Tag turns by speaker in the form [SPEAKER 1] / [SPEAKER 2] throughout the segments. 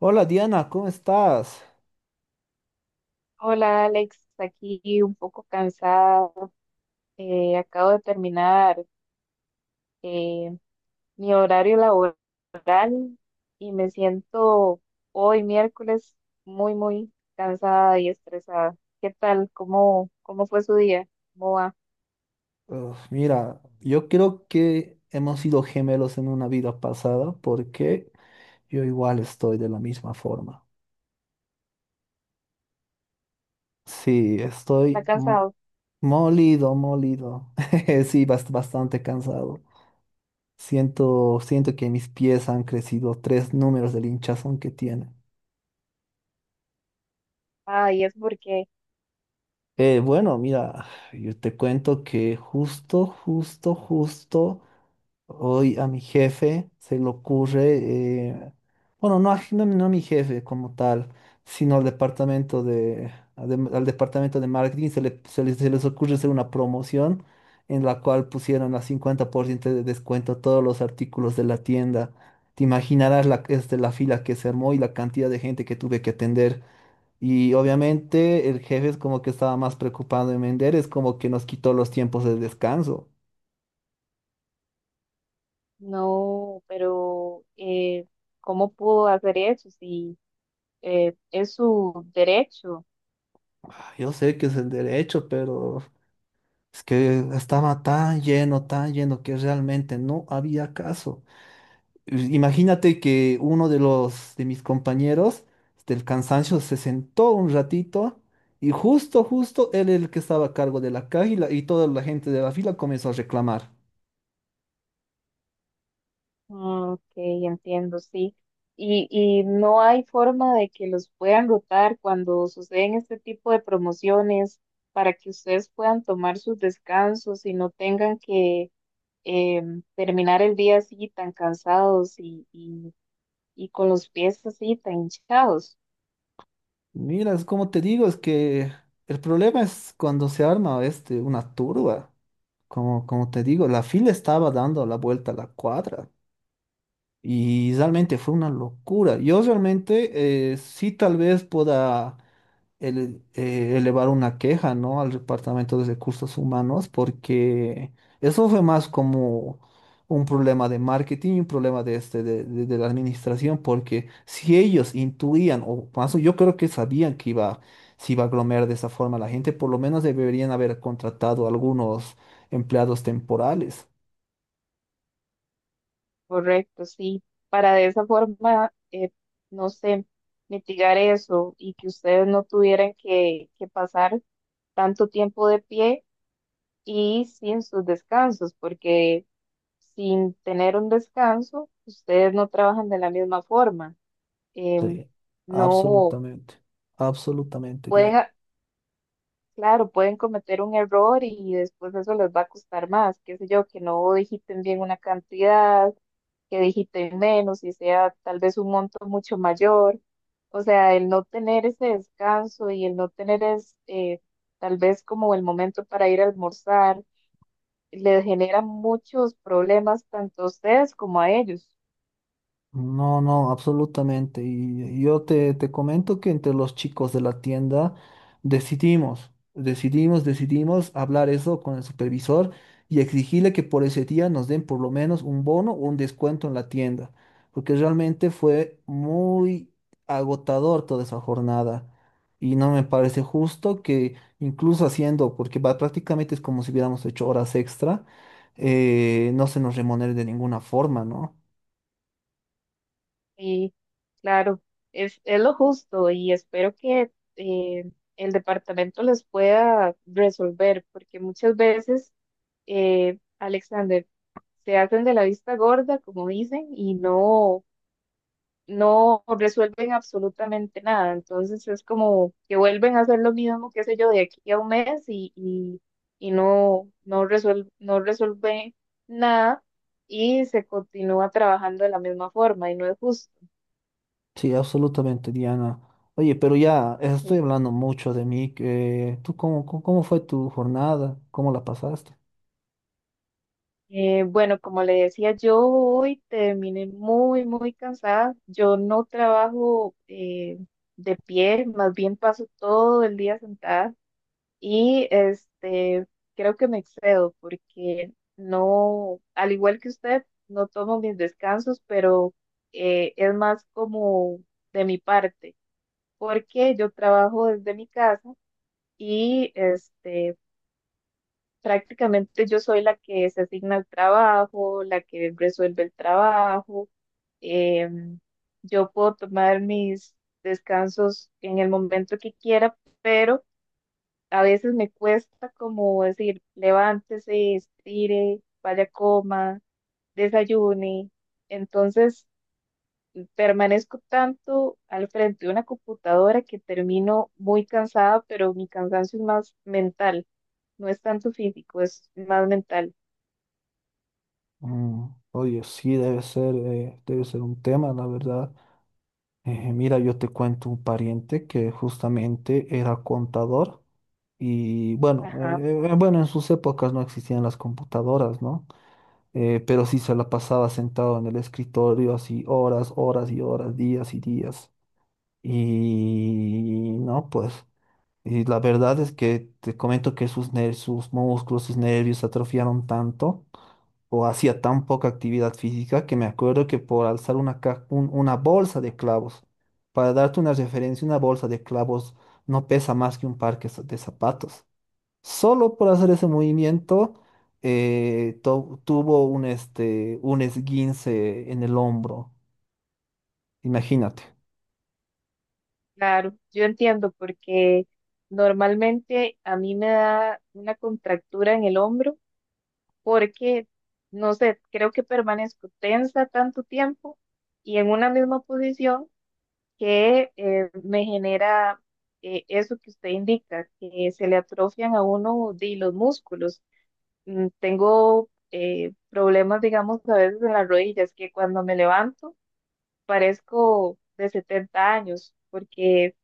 [SPEAKER 1] Hola Diana, ¿cómo estás?
[SPEAKER 2] Hola Alex, aquí un poco cansada. Acabo de terminar eh, mi horario laboral y me siento hoy miércoles muy, muy cansada y estresada. ¿Qué tal? ¿Cómo fue su día? ¿Cómo va?
[SPEAKER 1] Uf, mira, yo creo que hemos sido gemelos en una vida pasada porque yo igual estoy de la misma forma. Sí,
[SPEAKER 2] ¿Está
[SPEAKER 1] estoy
[SPEAKER 2] cansado?
[SPEAKER 1] molido, molido. Sí, bastante cansado. Siento que mis pies han crecido 3 números del hinchazón que tienen.
[SPEAKER 2] Ah, y es porque
[SPEAKER 1] Bueno, mira, yo te cuento que justo. Hoy a mi jefe se le ocurre, eh, bueno, no a mi jefe como tal, sino al departamento de- al departamento de marketing se les ocurre hacer una promoción en la cual pusieron a 50% de descuento a todos los artículos de la tienda. Te imaginarás la, este, la fila que se armó y la cantidad de gente que tuve que atender. Y obviamente el jefe es como que estaba más preocupado en vender, es como que nos quitó los tiempos de descanso.
[SPEAKER 2] no, pero ¿cómo pudo hacer eso? Si es su derecho.
[SPEAKER 1] Ah, yo sé que es el derecho, pero es que estaba tan lleno que realmente no había caso. Imagínate que uno de los de mis compañeros del cansancio se sentó un ratito y justo él era el que estaba a cargo de la caja y, y toda la gente de la fila comenzó a reclamar.
[SPEAKER 2] Mm, Ok, entiendo, sí. Y no hay forma de que los puedan rotar cuando suceden este tipo de promociones para que ustedes puedan tomar sus descansos y no tengan que terminar el día así tan cansados y con los pies así tan hinchados.
[SPEAKER 1] Mira, es como te digo, es que el problema es cuando se arma este una turba. Como te digo, la fila estaba dando la vuelta a la cuadra. Y realmente fue una locura. Yo realmente sí tal vez pueda elevar una queja, ¿no? Al Departamento de Recursos Humanos, porque eso fue más como un problema de marketing y un problema de, este, de la administración, porque si ellos intuían, o más, yo creo que sabían que iba, se iba a aglomerar de esa forma la gente, por lo menos deberían haber contratado algunos empleados temporales.
[SPEAKER 2] Correcto, sí. Para de esa forma, no sé, mitigar eso y que ustedes no tuvieran que pasar tanto tiempo de pie y sin sus descansos, porque sin tener un descanso, ustedes no trabajan de la misma forma. Em,
[SPEAKER 1] Sí,
[SPEAKER 2] no
[SPEAKER 1] absolutamente, absolutamente,
[SPEAKER 2] pueden,
[SPEAKER 1] Diana.
[SPEAKER 2] claro, pueden cometer un error y después eso les va a costar más, qué sé yo, que no digiten bien una cantidad, que digiten menos y sea tal vez un monto mucho mayor. O sea, el no tener ese descanso y el no tener tal vez como el momento para ir a almorzar les genera muchos problemas tanto a ustedes como a ellos.
[SPEAKER 1] No, no, absolutamente. Y yo te, te comento que entre los chicos de la tienda decidimos hablar eso con el supervisor y exigirle que por ese día nos den por lo menos un bono o un descuento en la tienda, porque realmente fue muy agotador toda esa jornada. Y no me parece justo que incluso haciendo, porque prácticamente es como si hubiéramos hecho horas extra, no se nos remunere de ninguna forma, ¿no?
[SPEAKER 2] Y claro, es lo justo y espero que eh, el departamento les pueda resolver, porque muchas veces, Alexander, se hacen de la vista gorda, como dicen, y no resuelven absolutamente nada. Entonces es como que vuelven a hacer lo mismo, qué sé yo, de aquí a un mes y no, no resuelve nada y se continúa trabajando de la misma forma y no es justo.
[SPEAKER 1] Sí, absolutamente, Diana. Oye, pero ya
[SPEAKER 2] Sí.
[SPEAKER 1] estoy hablando mucho de mí. ¿Tú cómo fue tu jornada? ¿Cómo la pasaste?
[SPEAKER 2] Bueno, como le decía, yo hoy terminé muy, muy cansada. Yo no trabajo de pie, más bien paso todo el día sentada. Y este, creo que me excedo porque no, al igual que usted, no tomo mis descansos, pero es más como de mi parte, porque yo trabajo desde mi casa y este, prácticamente yo soy la que se asigna el trabajo, la que resuelve el trabajo. em, yo puedo tomar mis descansos en el momento que quiera, pero a veces me cuesta como decir, levántese, estire, vaya, coma, desayune. Entonces, permanezco tanto al frente de una computadora que termino muy cansada, pero mi cansancio es más mental, no es tanto físico, es más mental.
[SPEAKER 1] Mm, oye, sí, debe ser un tema, la verdad. Mira, yo te cuento un pariente que justamente era contador y bueno,
[SPEAKER 2] Ajá,
[SPEAKER 1] bueno, en sus épocas no existían las computadoras, ¿no? Pero sí se la pasaba sentado en el escritorio así horas, horas y horas, días y días. Y no, pues. Y la verdad es que te comento que sus, sus músculos, sus nervios se atrofiaron tanto o hacía tan poca actividad física que me acuerdo que por alzar una, una bolsa de clavos, para darte una referencia, una bolsa de clavos no pesa más que un par que de zapatos. Solo por hacer ese movimiento tuvo un, este, un esguince en el hombro. Imagínate.
[SPEAKER 2] claro, yo entiendo porque normalmente a mí me da una contractura en el hombro porque, no sé, creo que permanezco tensa tanto tiempo y en una misma posición que me genera eso que usted indica, que se le atrofian a uno de los músculos. Tengo problemas, digamos, a veces en las rodillas, que cuando me levanto parezco de 70 años, porque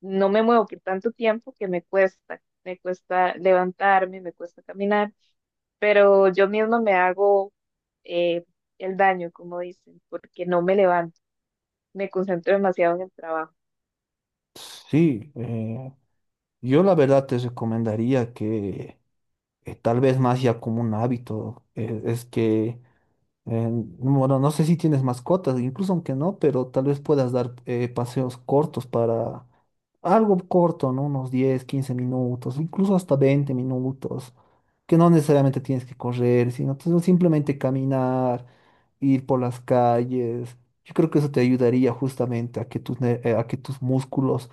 [SPEAKER 2] no me muevo por tanto tiempo que me cuesta levantarme, me cuesta caminar pero yo misma me hago eh, el daño, como dicen, porque no me levanto, me concentro demasiado en el trabajo.
[SPEAKER 1] Sí, yo la verdad te recomendaría que... tal vez más ya como un hábito, es que... Eh, bueno, no sé si tienes mascotas, incluso aunque no, pero tal vez puedas dar paseos cortos para algo corto, ¿no? Unos 10 15 minutos, incluso hasta 20 minutos, que no necesariamente tienes que correr, sino tú simplemente caminar, ir por las calles. Yo creo que eso te ayudaría justamente a que tus, a que tus músculos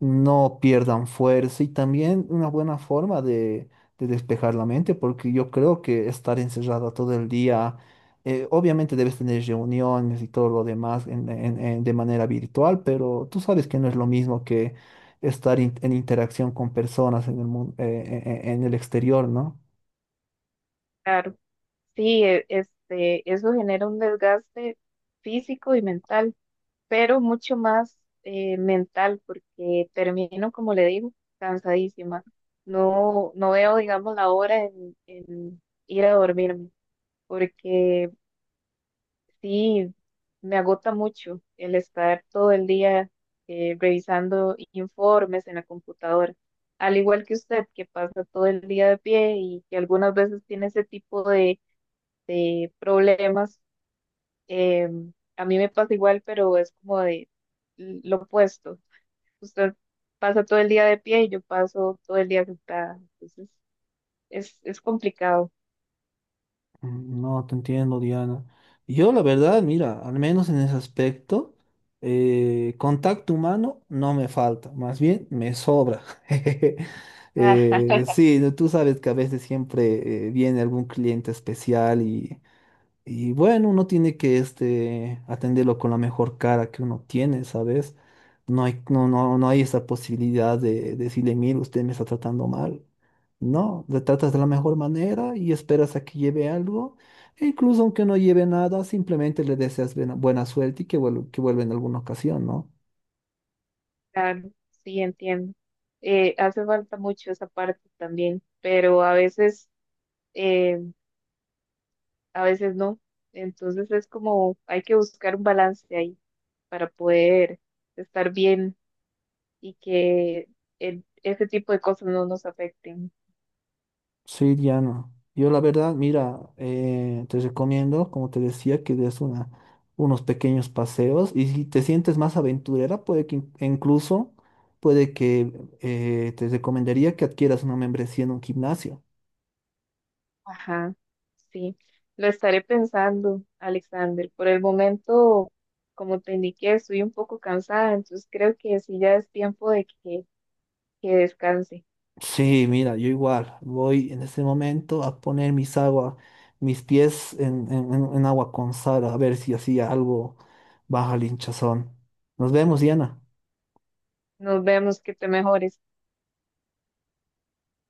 [SPEAKER 1] no pierdan fuerza y también una buena forma de despejar la mente, porque yo creo que estar encerrada todo el día obviamente debes tener reuniones y todo lo demás de manera virtual, pero tú sabes que no es lo mismo que estar en interacción con personas en el en el exterior, ¿no?
[SPEAKER 2] Claro, sí, este, eso genera un desgaste físico y mental, pero mucho más mental, porque termino, como le digo, cansadísima. No, no veo, digamos, la hora en ir a dormirme, porque, sí, me agota mucho el estar todo el día revisando informes en la computadora. Al igual que usted, que pasa todo el día de pie y que algunas veces tiene ese tipo de problemas, eh, a mí me pasa igual, pero es como de lo opuesto. Usted pasa todo el día de pie y yo paso todo el día sentada. Entonces, es complicado.
[SPEAKER 1] Mm, no, te entiendo, Diana. Yo, la verdad, mira, al menos en ese aspecto, contacto humano no me falta, más bien me sobra. Sí, tú sabes que a veces siempre viene algún cliente especial. Y bueno, uno tiene que este, atenderlo con la mejor cara que uno tiene, ¿sabes? No hay, no hay esa posibilidad de, decirle, mire, usted me está tratando mal. No, le tratas de la mejor manera y esperas a que lleve algo. E incluso aunque no lleve nada, simplemente le deseas buena, buena suerte y que vuelva en alguna ocasión, ¿no?
[SPEAKER 2] Claro, sí, entiendo. Hace falta mucho esa parte también, pero eh, a veces no. Entonces es como hay que buscar un balance ahí para poder estar bien y que ese tipo de cosas no nos afecten.
[SPEAKER 1] Sí, Diana. Yo la verdad, mira, te recomiendo, como te decía, que des una, unos pequeños paseos y si te sientes más aventurera, puede que e incluso, puede que te recomendaría que adquieras una membresía en un gimnasio.
[SPEAKER 2] Ajá, sí. Lo estaré pensando, Alexander. Por el momento, como te indiqué, estoy un poco cansada, entonces creo que sí ya es tiempo de que descanse.
[SPEAKER 1] Sí, mira, yo igual voy en este momento a poner mis agua, mis pies en, en agua con sal, a ver si así algo baja el hinchazón. Nos vemos, Diana.
[SPEAKER 2] Nos vemos, que te mejores.